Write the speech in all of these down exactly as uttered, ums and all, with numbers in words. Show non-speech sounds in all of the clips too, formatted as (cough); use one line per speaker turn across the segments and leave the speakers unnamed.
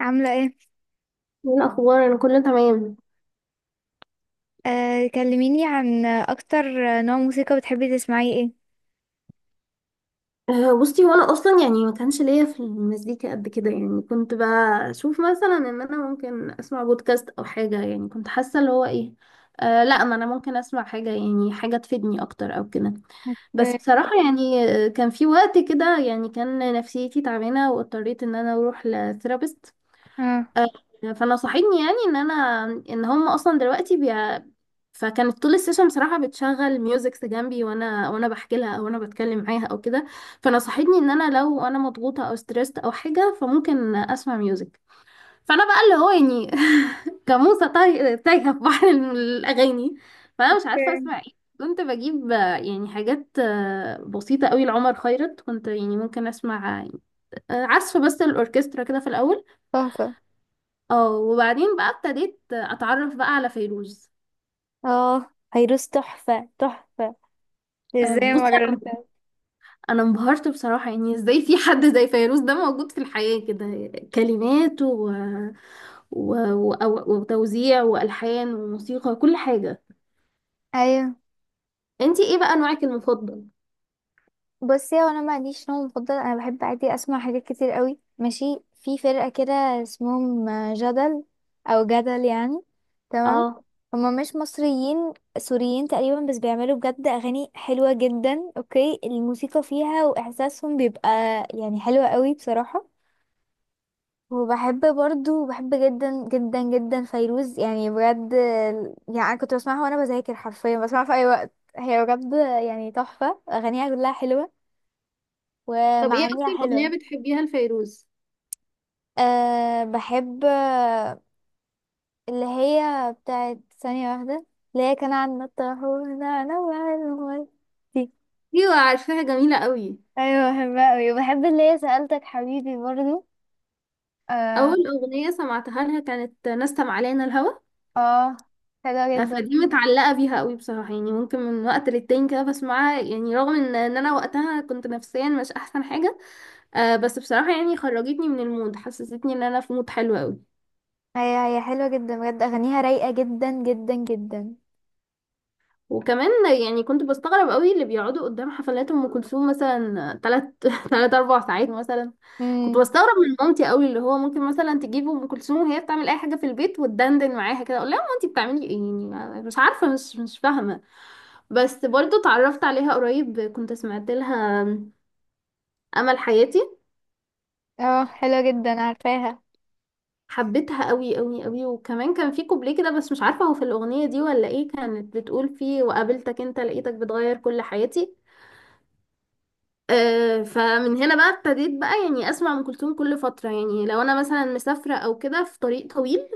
عاملة ايه؟
ايه الاخبار، انا كله تمام.
آه، كلميني عن اكتر نوع موسيقى بتحبي تسمعيه ايه؟
أه بصي، وانا اصلا يعني ما كانش ليا في المزيكا قد كده، يعني كنت بشوف مثلا ان انا ممكن اسمع بودكاست او حاجه، يعني كنت حاسه اللي هو ايه. أه لا، ما انا ممكن اسمع حاجه، يعني حاجه تفيدني اكتر او كده. بس
اوكي.
بصراحه يعني آه، كان في وقت كده يعني كان نفسيتي تعبانه واضطريت ان انا اروح لثيرابيست.
اه.
آه، فنصحتني يعني ان انا، ان هم اصلا دلوقتي بي... فكانت طول السيشن بصراحه بتشغل ميوزكس جنبي وانا وانا بحكي لها، او انا بتكلم معاها او كده. فنصحتني ان انا لو انا مضغوطه او ستريسد او حاجه فممكن اسمع ميوزك. فانا بقى اللي هو يعني (laughs) كموسه تايه تايهة في بحر الاغاني، فانا مش عارفه
اوكي.
اسمع ايه. كنت بجيب آه، يعني حاجات آه، بسيطه قوي لعمر خيرت، كنت يعني ممكن اسمع آه، عزف بس الاوركسترا كده في الاول.
تحفة.
اه وبعدين بقى ابتديت اتعرف بقى على فيروز.
اه، فيروز تحفة تحفة.
آه،
ازاي
بصي،
ما
انا
جربتها؟
انا انبهرت بصراحه، يعني ازاي في حد زي فيروز ده موجود في الحياه كده، كلمات و... و... و... وتوزيع والحان وموسيقى، كل حاجه.
ايوه،
انتي ايه بقى نوعك المفضل؟
بصي، هو انا ما عنديش نوع مفضل. انا بحب عادي اسمع حاجات كتير قوي. ماشي. في فرقة كده اسمهم جدل، او جدل يعني. تمام.
اه.
هما مش مصريين، سوريين تقريبا، بس بيعملوا بجد اغاني حلوة جدا. اوكي الموسيقى فيها واحساسهم بيبقى يعني حلوة قوي بصراحة. وبحب برضو، بحب جدا جدا جدا فيروز، يعني بجد. يعني انا كنت بسمعها وانا بذاكر، حرفيا بسمعها في اي وقت، هي بجد يعني تحفة. اغانيها كلها حلوة
طب ايه
ومعانيها
اكتر اغنيه
حلوة.
بتحبيها لفيروز؟
أه بحب آه، اللي هي بتاعت ثانية واحدة، اللي هي كان عندنا الطاحون انا وعلمي، دي.
ايوه، عارفاها، جميله قوي.
ايوه بحبها اوي. وبحب اللي هي سألتك حبيبي برضو. اه.
اول اغنيه سمعتها لها كانت نسم علينا الهوى.
اه حلوة
آه،
جدا.
فدي متعلقة بيها قوي بصراحة، يعني ممكن من وقت للتاني كده بسمعها، يعني رغم ان ان انا وقتها كنت نفسيا مش احسن حاجة. آه بس بصراحة يعني خرجتني من المود، حسستني ان انا في مود حلو قوي.
هي هي حلوة جدا بجد، اغانيها رايقة جدا جدا جدا.
وكمان يعني كنت بستغرب قوي اللي بيقعدوا قدام حفلات ام كلثوم مثلا تلات (laughs) تلات اربع ساعات مثلا. كنت
امم.
بستغرب من مامتي قوي، اللي هو ممكن مثلا تجيب ام كلثوم وهي بتعمل اي حاجه في البيت وتدندن معاها كده، اقول لها مامتي بتعملي ايه؟ يعني مش عارفه، مش مش فاهمه. بس برضو اتعرفت عليها قريب، كنت سمعت لها امل حياتي.
اه حلوة جدا عارفاها.
حبيتها قوي قوي قوي. وكمان كان في كوبليه كده، بس مش عارفه هو في الاغنيه دي ولا ايه، كانت بتقول فيه وقابلتك انت لقيتك بتغير كل حياتي. آه فمن هنا بقى ابتديت بقى يعني اسمع ام كلثوم كل فتره، يعني لو انا مثلا مسافره او كده في طريق طويل،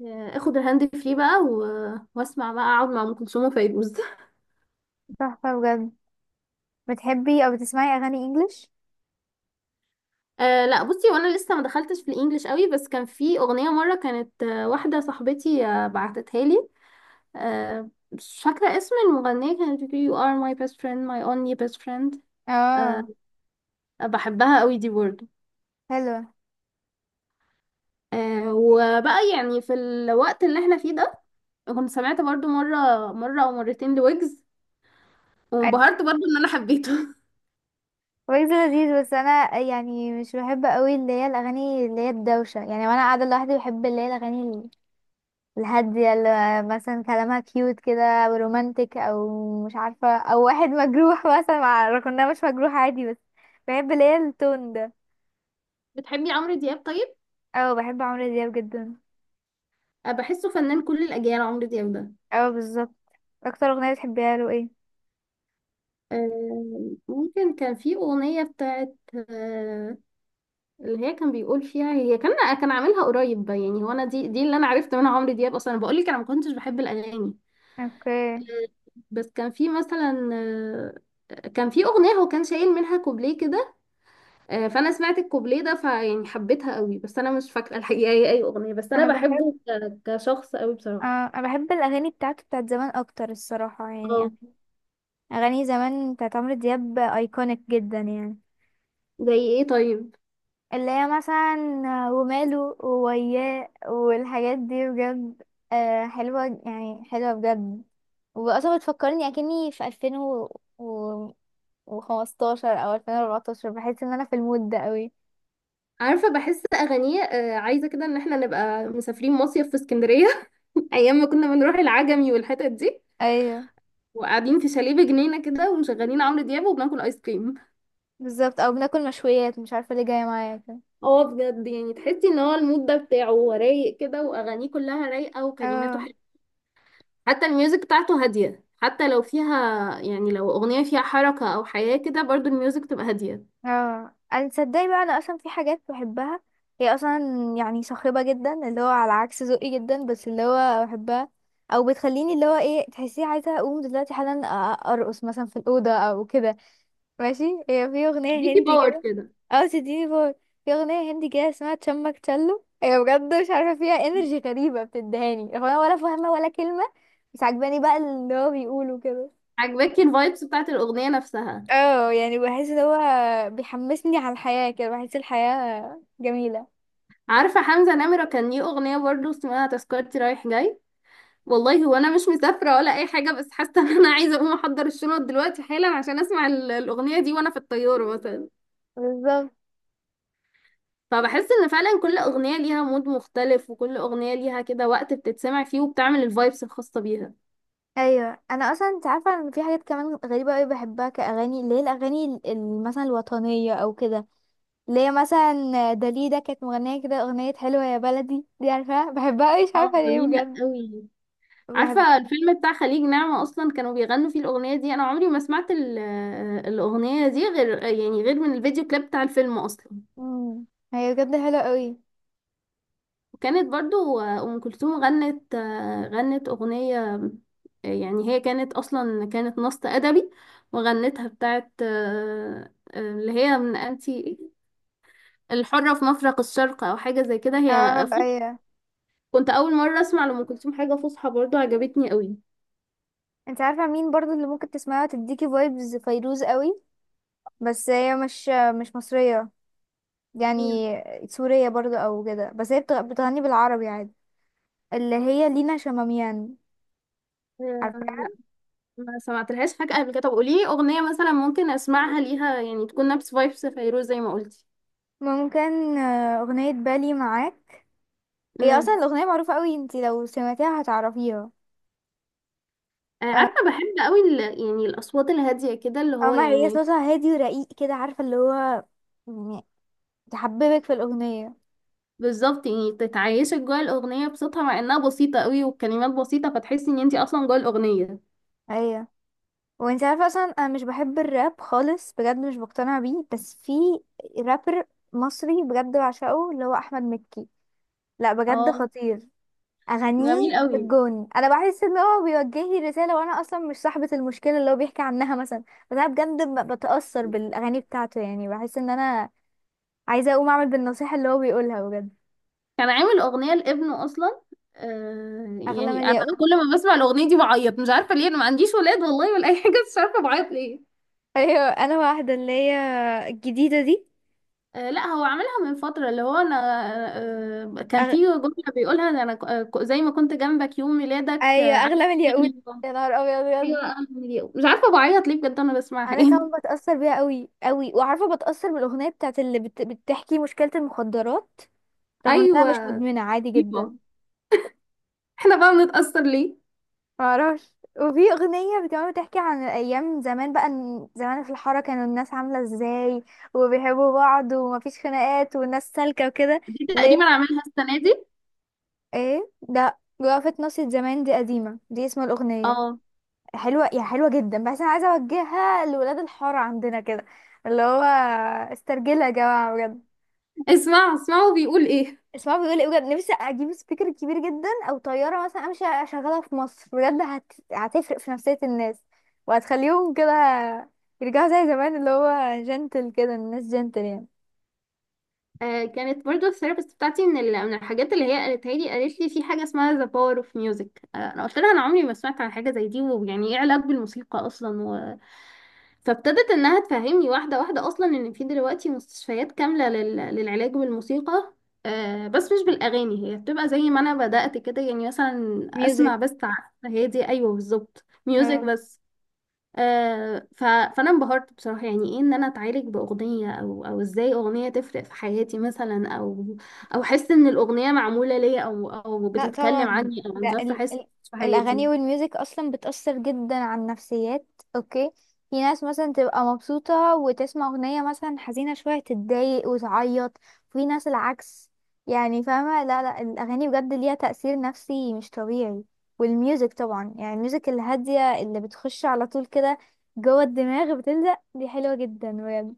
آه اخد الهاند فري بقى و- واسمع بقى، اقعد مع ام كلثوم وفيروز (laughs)
تحفة بجد. بتحبي أو بتسمعي أغاني إنجليش؟
آه لا، بصي، وانا لسه ما دخلتش في الانجليش قوي، بس كان في اغنيه مره كانت آه، واحده صاحبتي آه، بعتتها لي. آه، مش فاكرة اسم المغنية، كانت بتقول you are my best friend my only best friend. آه،
اه.
بحبها قوي دي برضه.
حلوة.
آه، وبقى يعني في الوقت اللي احنا فيه ده كنت سمعت برضه مرة مرة أو مرتين لويجز،
أي.
وانبهرت برضه إن أنا حبيته (laughs)
ويجز لذيذ، بس أنا يعني مش بحب قوي اللي هي الأغاني اللي هي الدوشة يعني. وأنا قاعدة لوحدي بحب اللي هي الأغاني ال- الهادية، اللي مثلا كلامها كيوت كده، أو رومانتك، أو مش عارفة، أو واحد مجروح (laughs) مثلا، مع رغم مش مجروح عادي، بس بحب اللي هي التون ده.
بتحبي عمرو دياب طيب؟
أو بحب عمرو دياب جدا.
آه، بحسه فنان كل الأجيال عمرو دياب ده.
أو بالظبط. أكتر أغنية بتحبيها له إيه؟
آه، ممكن كان في أغنية بتاعت آه، اللي هي كان بيقول فيها، هي كان كان عاملها قريب، يعني هو أنا دي دي اللي أنا عرفت منها عمرو دياب أصلا. أنا بقول لك أنا ما كنتش بحب الأغاني،
اوكي.
بس كان في مثلا آه، كان في اغنيه هو كان شايل منها كوبليه كده. آه، فانا سمعت الكوبليه ده، فيعني حبيتها قوي، بس انا مش فاكره الحقيقه هي اي اغنيه، بس انا
أنا بحب.
بحبه ك- كشخص قوي
آه
بصراحه.
انا بحب الاغاني بتاعته، بتاعت زمان اكتر الصراحه
اه.
يعني. اغاني زمان بتاعت عمرو دياب ايكونيك جدا يعني،
زي ايه طيب؟
اللي هي مثلا آه، وماله ووياه والحاجات دي بجد. آه حلوه يعني حلوه بجد. واصلا بتفكرني اكني في ألفين وخمستاشر او ألفين واربعتاشر، بحس ان انا في المود ده قوي.
عارفه، بحس اغانيه آه، عايزه كده ان احنا نبقى مسافرين مصيف في اسكندريه (laughs) ايام ما كنا بنروح العجمي والحتت دي،
ايوه
وقاعدين في شاليه بجنينه كده، ومشغلين عمرو دياب وبناكل ايس كريم.
بالظبط، او بناكل مشويات، مش عارفه ليه جايه معايا كده.
اه، بجد، يعني تحسي ان هو المود ده بتاعه هو رايق كده، واغانيه كلها رايقه، وكلماته
اه.
حتى الميوزك بتاعته هادية، حتى لو فيها يعني لو أغنية فيها حركة أو حياة كده برضو الميوزك تبقى هادية.
اه انا تصدقي بقى، انا اصلا في حاجات بحبها هي اصلا يعني صاخبه جدا، اللي هو على عكس ذوقي جدا، بس اللي هو بحبها او بتخليني اللي هو ايه، تحسيه عايزه اقوم دلوقتي حالا أ- ارقص مثلا في الاوضه او كده. ماشي. هي في اغنيه
ديكي
هندي
باور
كده،
كده.
او تديني فور. في اغنيه هندي كده اسمها تشمك تشلو، هي بجد مش عارفه فيها انرجي غريبه بتدهاني، هو انا ولا فاهمه ولا كلمه، بس عجباني بقى اللي هو بيقوله كده.
عجباكي الفايبس بتاعت الأغنية نفسها؟
اه يعني بحس ان هو بيحمسني على الحياة كده، بحس الحياة جميلة.
عارفة حمزة نمرة كان ليه أغنية برضو اسمها تذكرتي رايح جاي؟ والله هو أنا مش مسافرة ولا أي حاجة، بس حاسة إن أنا عايزة أقوم أحضر الشنط دلوقتي حالا عشان أسمع ال- الأغنية دي وأنا في الطيارة مثلا.
بالظبط.
فبحس إن فعلا كل أغنية ليها مود مختلف، وكل أغنية ليها كده وقت بتتسمع فيه، وبتعمل الفايبس الخاصة بيها.
ايوه انا اصلا انت عارفه ان في حاجات كمان غريبه قوي بحبها كاغاني، اللي هي الاغاني ال- ال- مثلا الوطنيه او كده. اللي هي مثلا داليدا كانت مغنيه كده، اغنيه حلوه يا بلدي دي عارفاها، بحبها قوي مش
اه،
عارفه ليه
جميلة
بجد.
قوي.
بحب.
عارفة الفيلم بتاع خليج نعمة أصلا كانوا بيغنوا فيه الأغنية دي؟ أنا عمري ما سمعت ال- الأغنية دي غير، يعني غير من الفيديو كليب بتاع الفيلم أصلا.
مم. هي بجد حلوه قوي.
وكانت برضو أم كلثوم غنت غنت أغنية، يعني هي كانت أصلا كانت نص أدبي، وغنتها بتاعت اللي هي من أنتي الحرة في مفرق الشرق أو حاجة زي كده هي.
اه ايوه.
كنت أول مرة أسمع لأم كلثوم حاجة فصحى، برضو عجبتني قوي.
انت عارفه مين برضو اللي ممكن تسمعها تديكي فايبز فيروز قوي، بس هي مش مش مصريه يعني، سورية برضو او كده، بس هي بتغ- بتغني بالعربي عادي. اللي هي لينا شماميان، عارفاها؟
ما سمعتلهاش حاجة قبل كده. طب قولي لي أغنية مثلا ممكن أسمعها ليها يعني تكون نفس فايبس فيروز زي ما قلتي.
ممكن آه، اغنية بالي معاك. هي اصلا
امم.
الاغنية معروفة قوي، انتي لو سمعتيها هتعرفيها.
آه،
آه،
عارفة بحب قوي ال... يعني الأصوات الهادية كده اللي هو
اما هي
يعني
صوتها هادي ورقيق كده، عارفة اللي هو يعني تحببك في الاغنية.
بالظبط يعني تتعيشك جوه الأغنية بصوتها مع إنها بسيطة قوي والكلمات بسيطة، فتحسي إن انتي أصلا جوه الأغنية.
ايوه. وانتي عارفة اصلا انا مش بحب الراب خالص بجد، مش بقتنع بيه، بس في رابر مصري بجد بعشقه، اللي هو احمد مكي. لا بجد
اه،
خطير.
جميل
اغانيه في
قوي.
الجون، انا بحس ان هو بيوجه لي رساله وانا اصلا مش صاحبه المشكله اللي هو بيحكي عنها مثلا، بس انا بجد ب- بتاثر بالاغاني بتاعته. يعني بحس ان انا عايزه اقوم اعمل بالنصيحه اللي هو بيقولها بجد.
كان عامل أغنية لابنه أصلا. آه
اغلى من
يعني أنا
الياقوت.
كل ما بسمع الأغنية دي بعيط، مش عارفة ليه، أنا ما عنديش ولاد والله ولا أي حاجة، بس مش عارفة بعيط ليه.
ايوه انا واحده اللي هي الجديده دي.
آه، لا، هو عملها من فترة، اللي هو انا آه، كان
أغ...
في جملة بيقولها ده انا ك- آه، ك- زي ما كنت جنبك يوم ميلادك،
ايوه
آه، عارف
اغلى من الياقوت،
تفتكرني يوم.
يا نهار ابيض بجد.
ايوه، أنا اليوم. مش عارفة بعيط ليه بجد، انا بسمعها
انا كمان
ايه.
بتاثر بيها قوي قوي. وعارفه بتاثر بالاغنيه بتاعت اللي بت... بتحكي مشكله المخدرات،
(laughs)
رغم ان انا
ايوه.
مش مدمنه عادي جدا.
أيوة. احنا بقى بنتأثر ليه؟
معرفش. وفي أغنية كمان بتحكي عن أيام زمان بقى، إن زمان في الحارة كانوا الناس عاملة ازاي وبيحبوا بعض ومفيش خناقات والناس سالكة وكده.
دي
ليه.
تقريبا عاملها السنة دي.
ايه ده، وقفة ناصية زمان دي قديمة، دي اسم الأغنية.
اه.
حلوة، يا حلوة جدا، بس أنا عايزة أوجهها لولاد الحارة عندنا كده، اللي هو استرجلها يا جماعة بجد.
اسمع اسمعوا بيقول ايه.
اسمها بيقول ايه، بجد نفسي اجيب سبيكر كبير جدا او طياره مثلا امشي اشغلها في مصر، بجد هت... هتفرق في نفسيه الناس، وهتخليهم كده يرجعوا زي زمان اللي هو جنتل كده، الناس جنتل يعني.
آه، كانت برضو الثيرابيست بتاعتي من ال- من الحاجات اللي هي قالتها لي قالت لي في حاجة اسمها ذا باور اوف ميوزك. انا قلت لها انا عمري ما سمعت عن حاجة زي دي، ويعني ايه علاج بالموسيقى اصلا. فابتدت انها تفهمني واحده واحده، اصلا ان في دلوقتي مستشفيات كامله لل... للعلاج بالموسيقى. آه بس مش بالاغاني، هي بتبقى زي ما انا بدات كده يعني مثلا
ميوزك.
اسمع بس ع- هي دي، ايوه بالظبط، ميوزك بس. آه ف... فانا انبهرت بصراحه، يعني ايه ان انا اتعالج باغنيه، او او ازاي اغنيه تفرق في حياتي مثلا، او او احس ان الاغنيه معموله ليا، او او
لا
بتتكلم
طبعا
عني او عن
ده
ظرف
ال
حاسس
ال
في حياتي.
الاغاني والميوزك اصلا بتأثر جدا على النفسيات. اوكي. في ناس مثلا تبقى مبسوطة وتسمع اغنية مثلا حزينة شوية تتضايق وتعيط، وفي ناس العكس يعني، فاهمة؟ لا لا، الاغاني بجد ليها تأثير نفسي مش طبيعي. والميوزك طبعا، يعني الميوزك الهادية اللي بتخش على طول كده جوه الدماغ بتلزق، دي حلوة جدا بجد.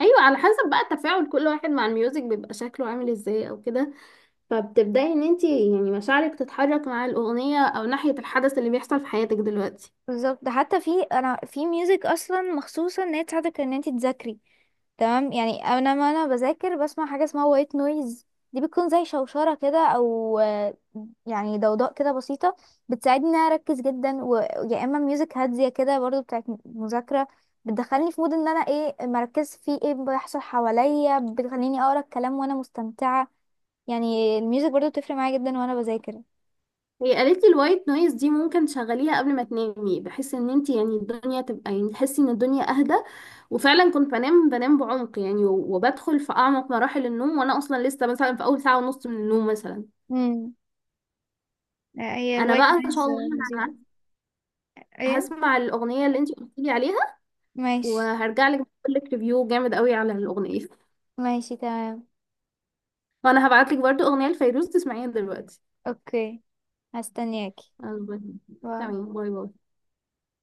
ايوه، على حسب بقى تفاعل كل واحد مع الميوزك بيبقى شكله عامل ازاي او كده، فبتبدأي ان انتي يعني مشاعرك تتحرك مع الأغنية او ناحية الحدث اللي بيحصل في حياتك دلوقتي.
بالظبط، ده حتى في انا في ميوزك اصلا مخصوصه ان هي تساعدك ان انت تذاكري، تمام؟ يعني انا ما انا بذاكر بسمع حاجه اسمها وايت نويز، دي بتكون زي شوشره كده، او آه، يعني ضوضاء كده بسيطه، بتساعدني ان انا اركز جدا. ويا اما ميوزك هاديه كده برضو بتاعت مذاكره بتدخلني في مود ان انا ايه مركز في ايه بيحصل حواليا، بتخليني اقرا الكلام وانا مستمتعه. يعني الميوزك برضو بتفرق معايا جدا وانا بذاكر.
هي قالت لي الوايت نويز دي ممكن تشغليها قبل ما تنامي، بحيث ان انتي يعني الدنيا تبقى يعني تحسي ان الدنيا اهدى. وفعلا كنت بنام بنام بعمق يعني، و- وبدخل في اعمق مراحل النوم وانا اصلا لسه مثلا في اول ساعة ونص من النوم مثلا.
امم. هي
انا
الوايت
بقى ان شاء
نويز
الله
لذيذة.
ه-
ايه.
هسمع الأغنية اللي انتي قلت لي عليها،
ماشي.
وهرجع لك اقول لك ريفيو جامد قوي على الأغنية.
ماشي تمام.
وانا هبعت لك برضو أغنية لفيروز تسمعيها دلوقتي.
اوكي. هستنياكي.
البته.
باي.
تمام، باي باي.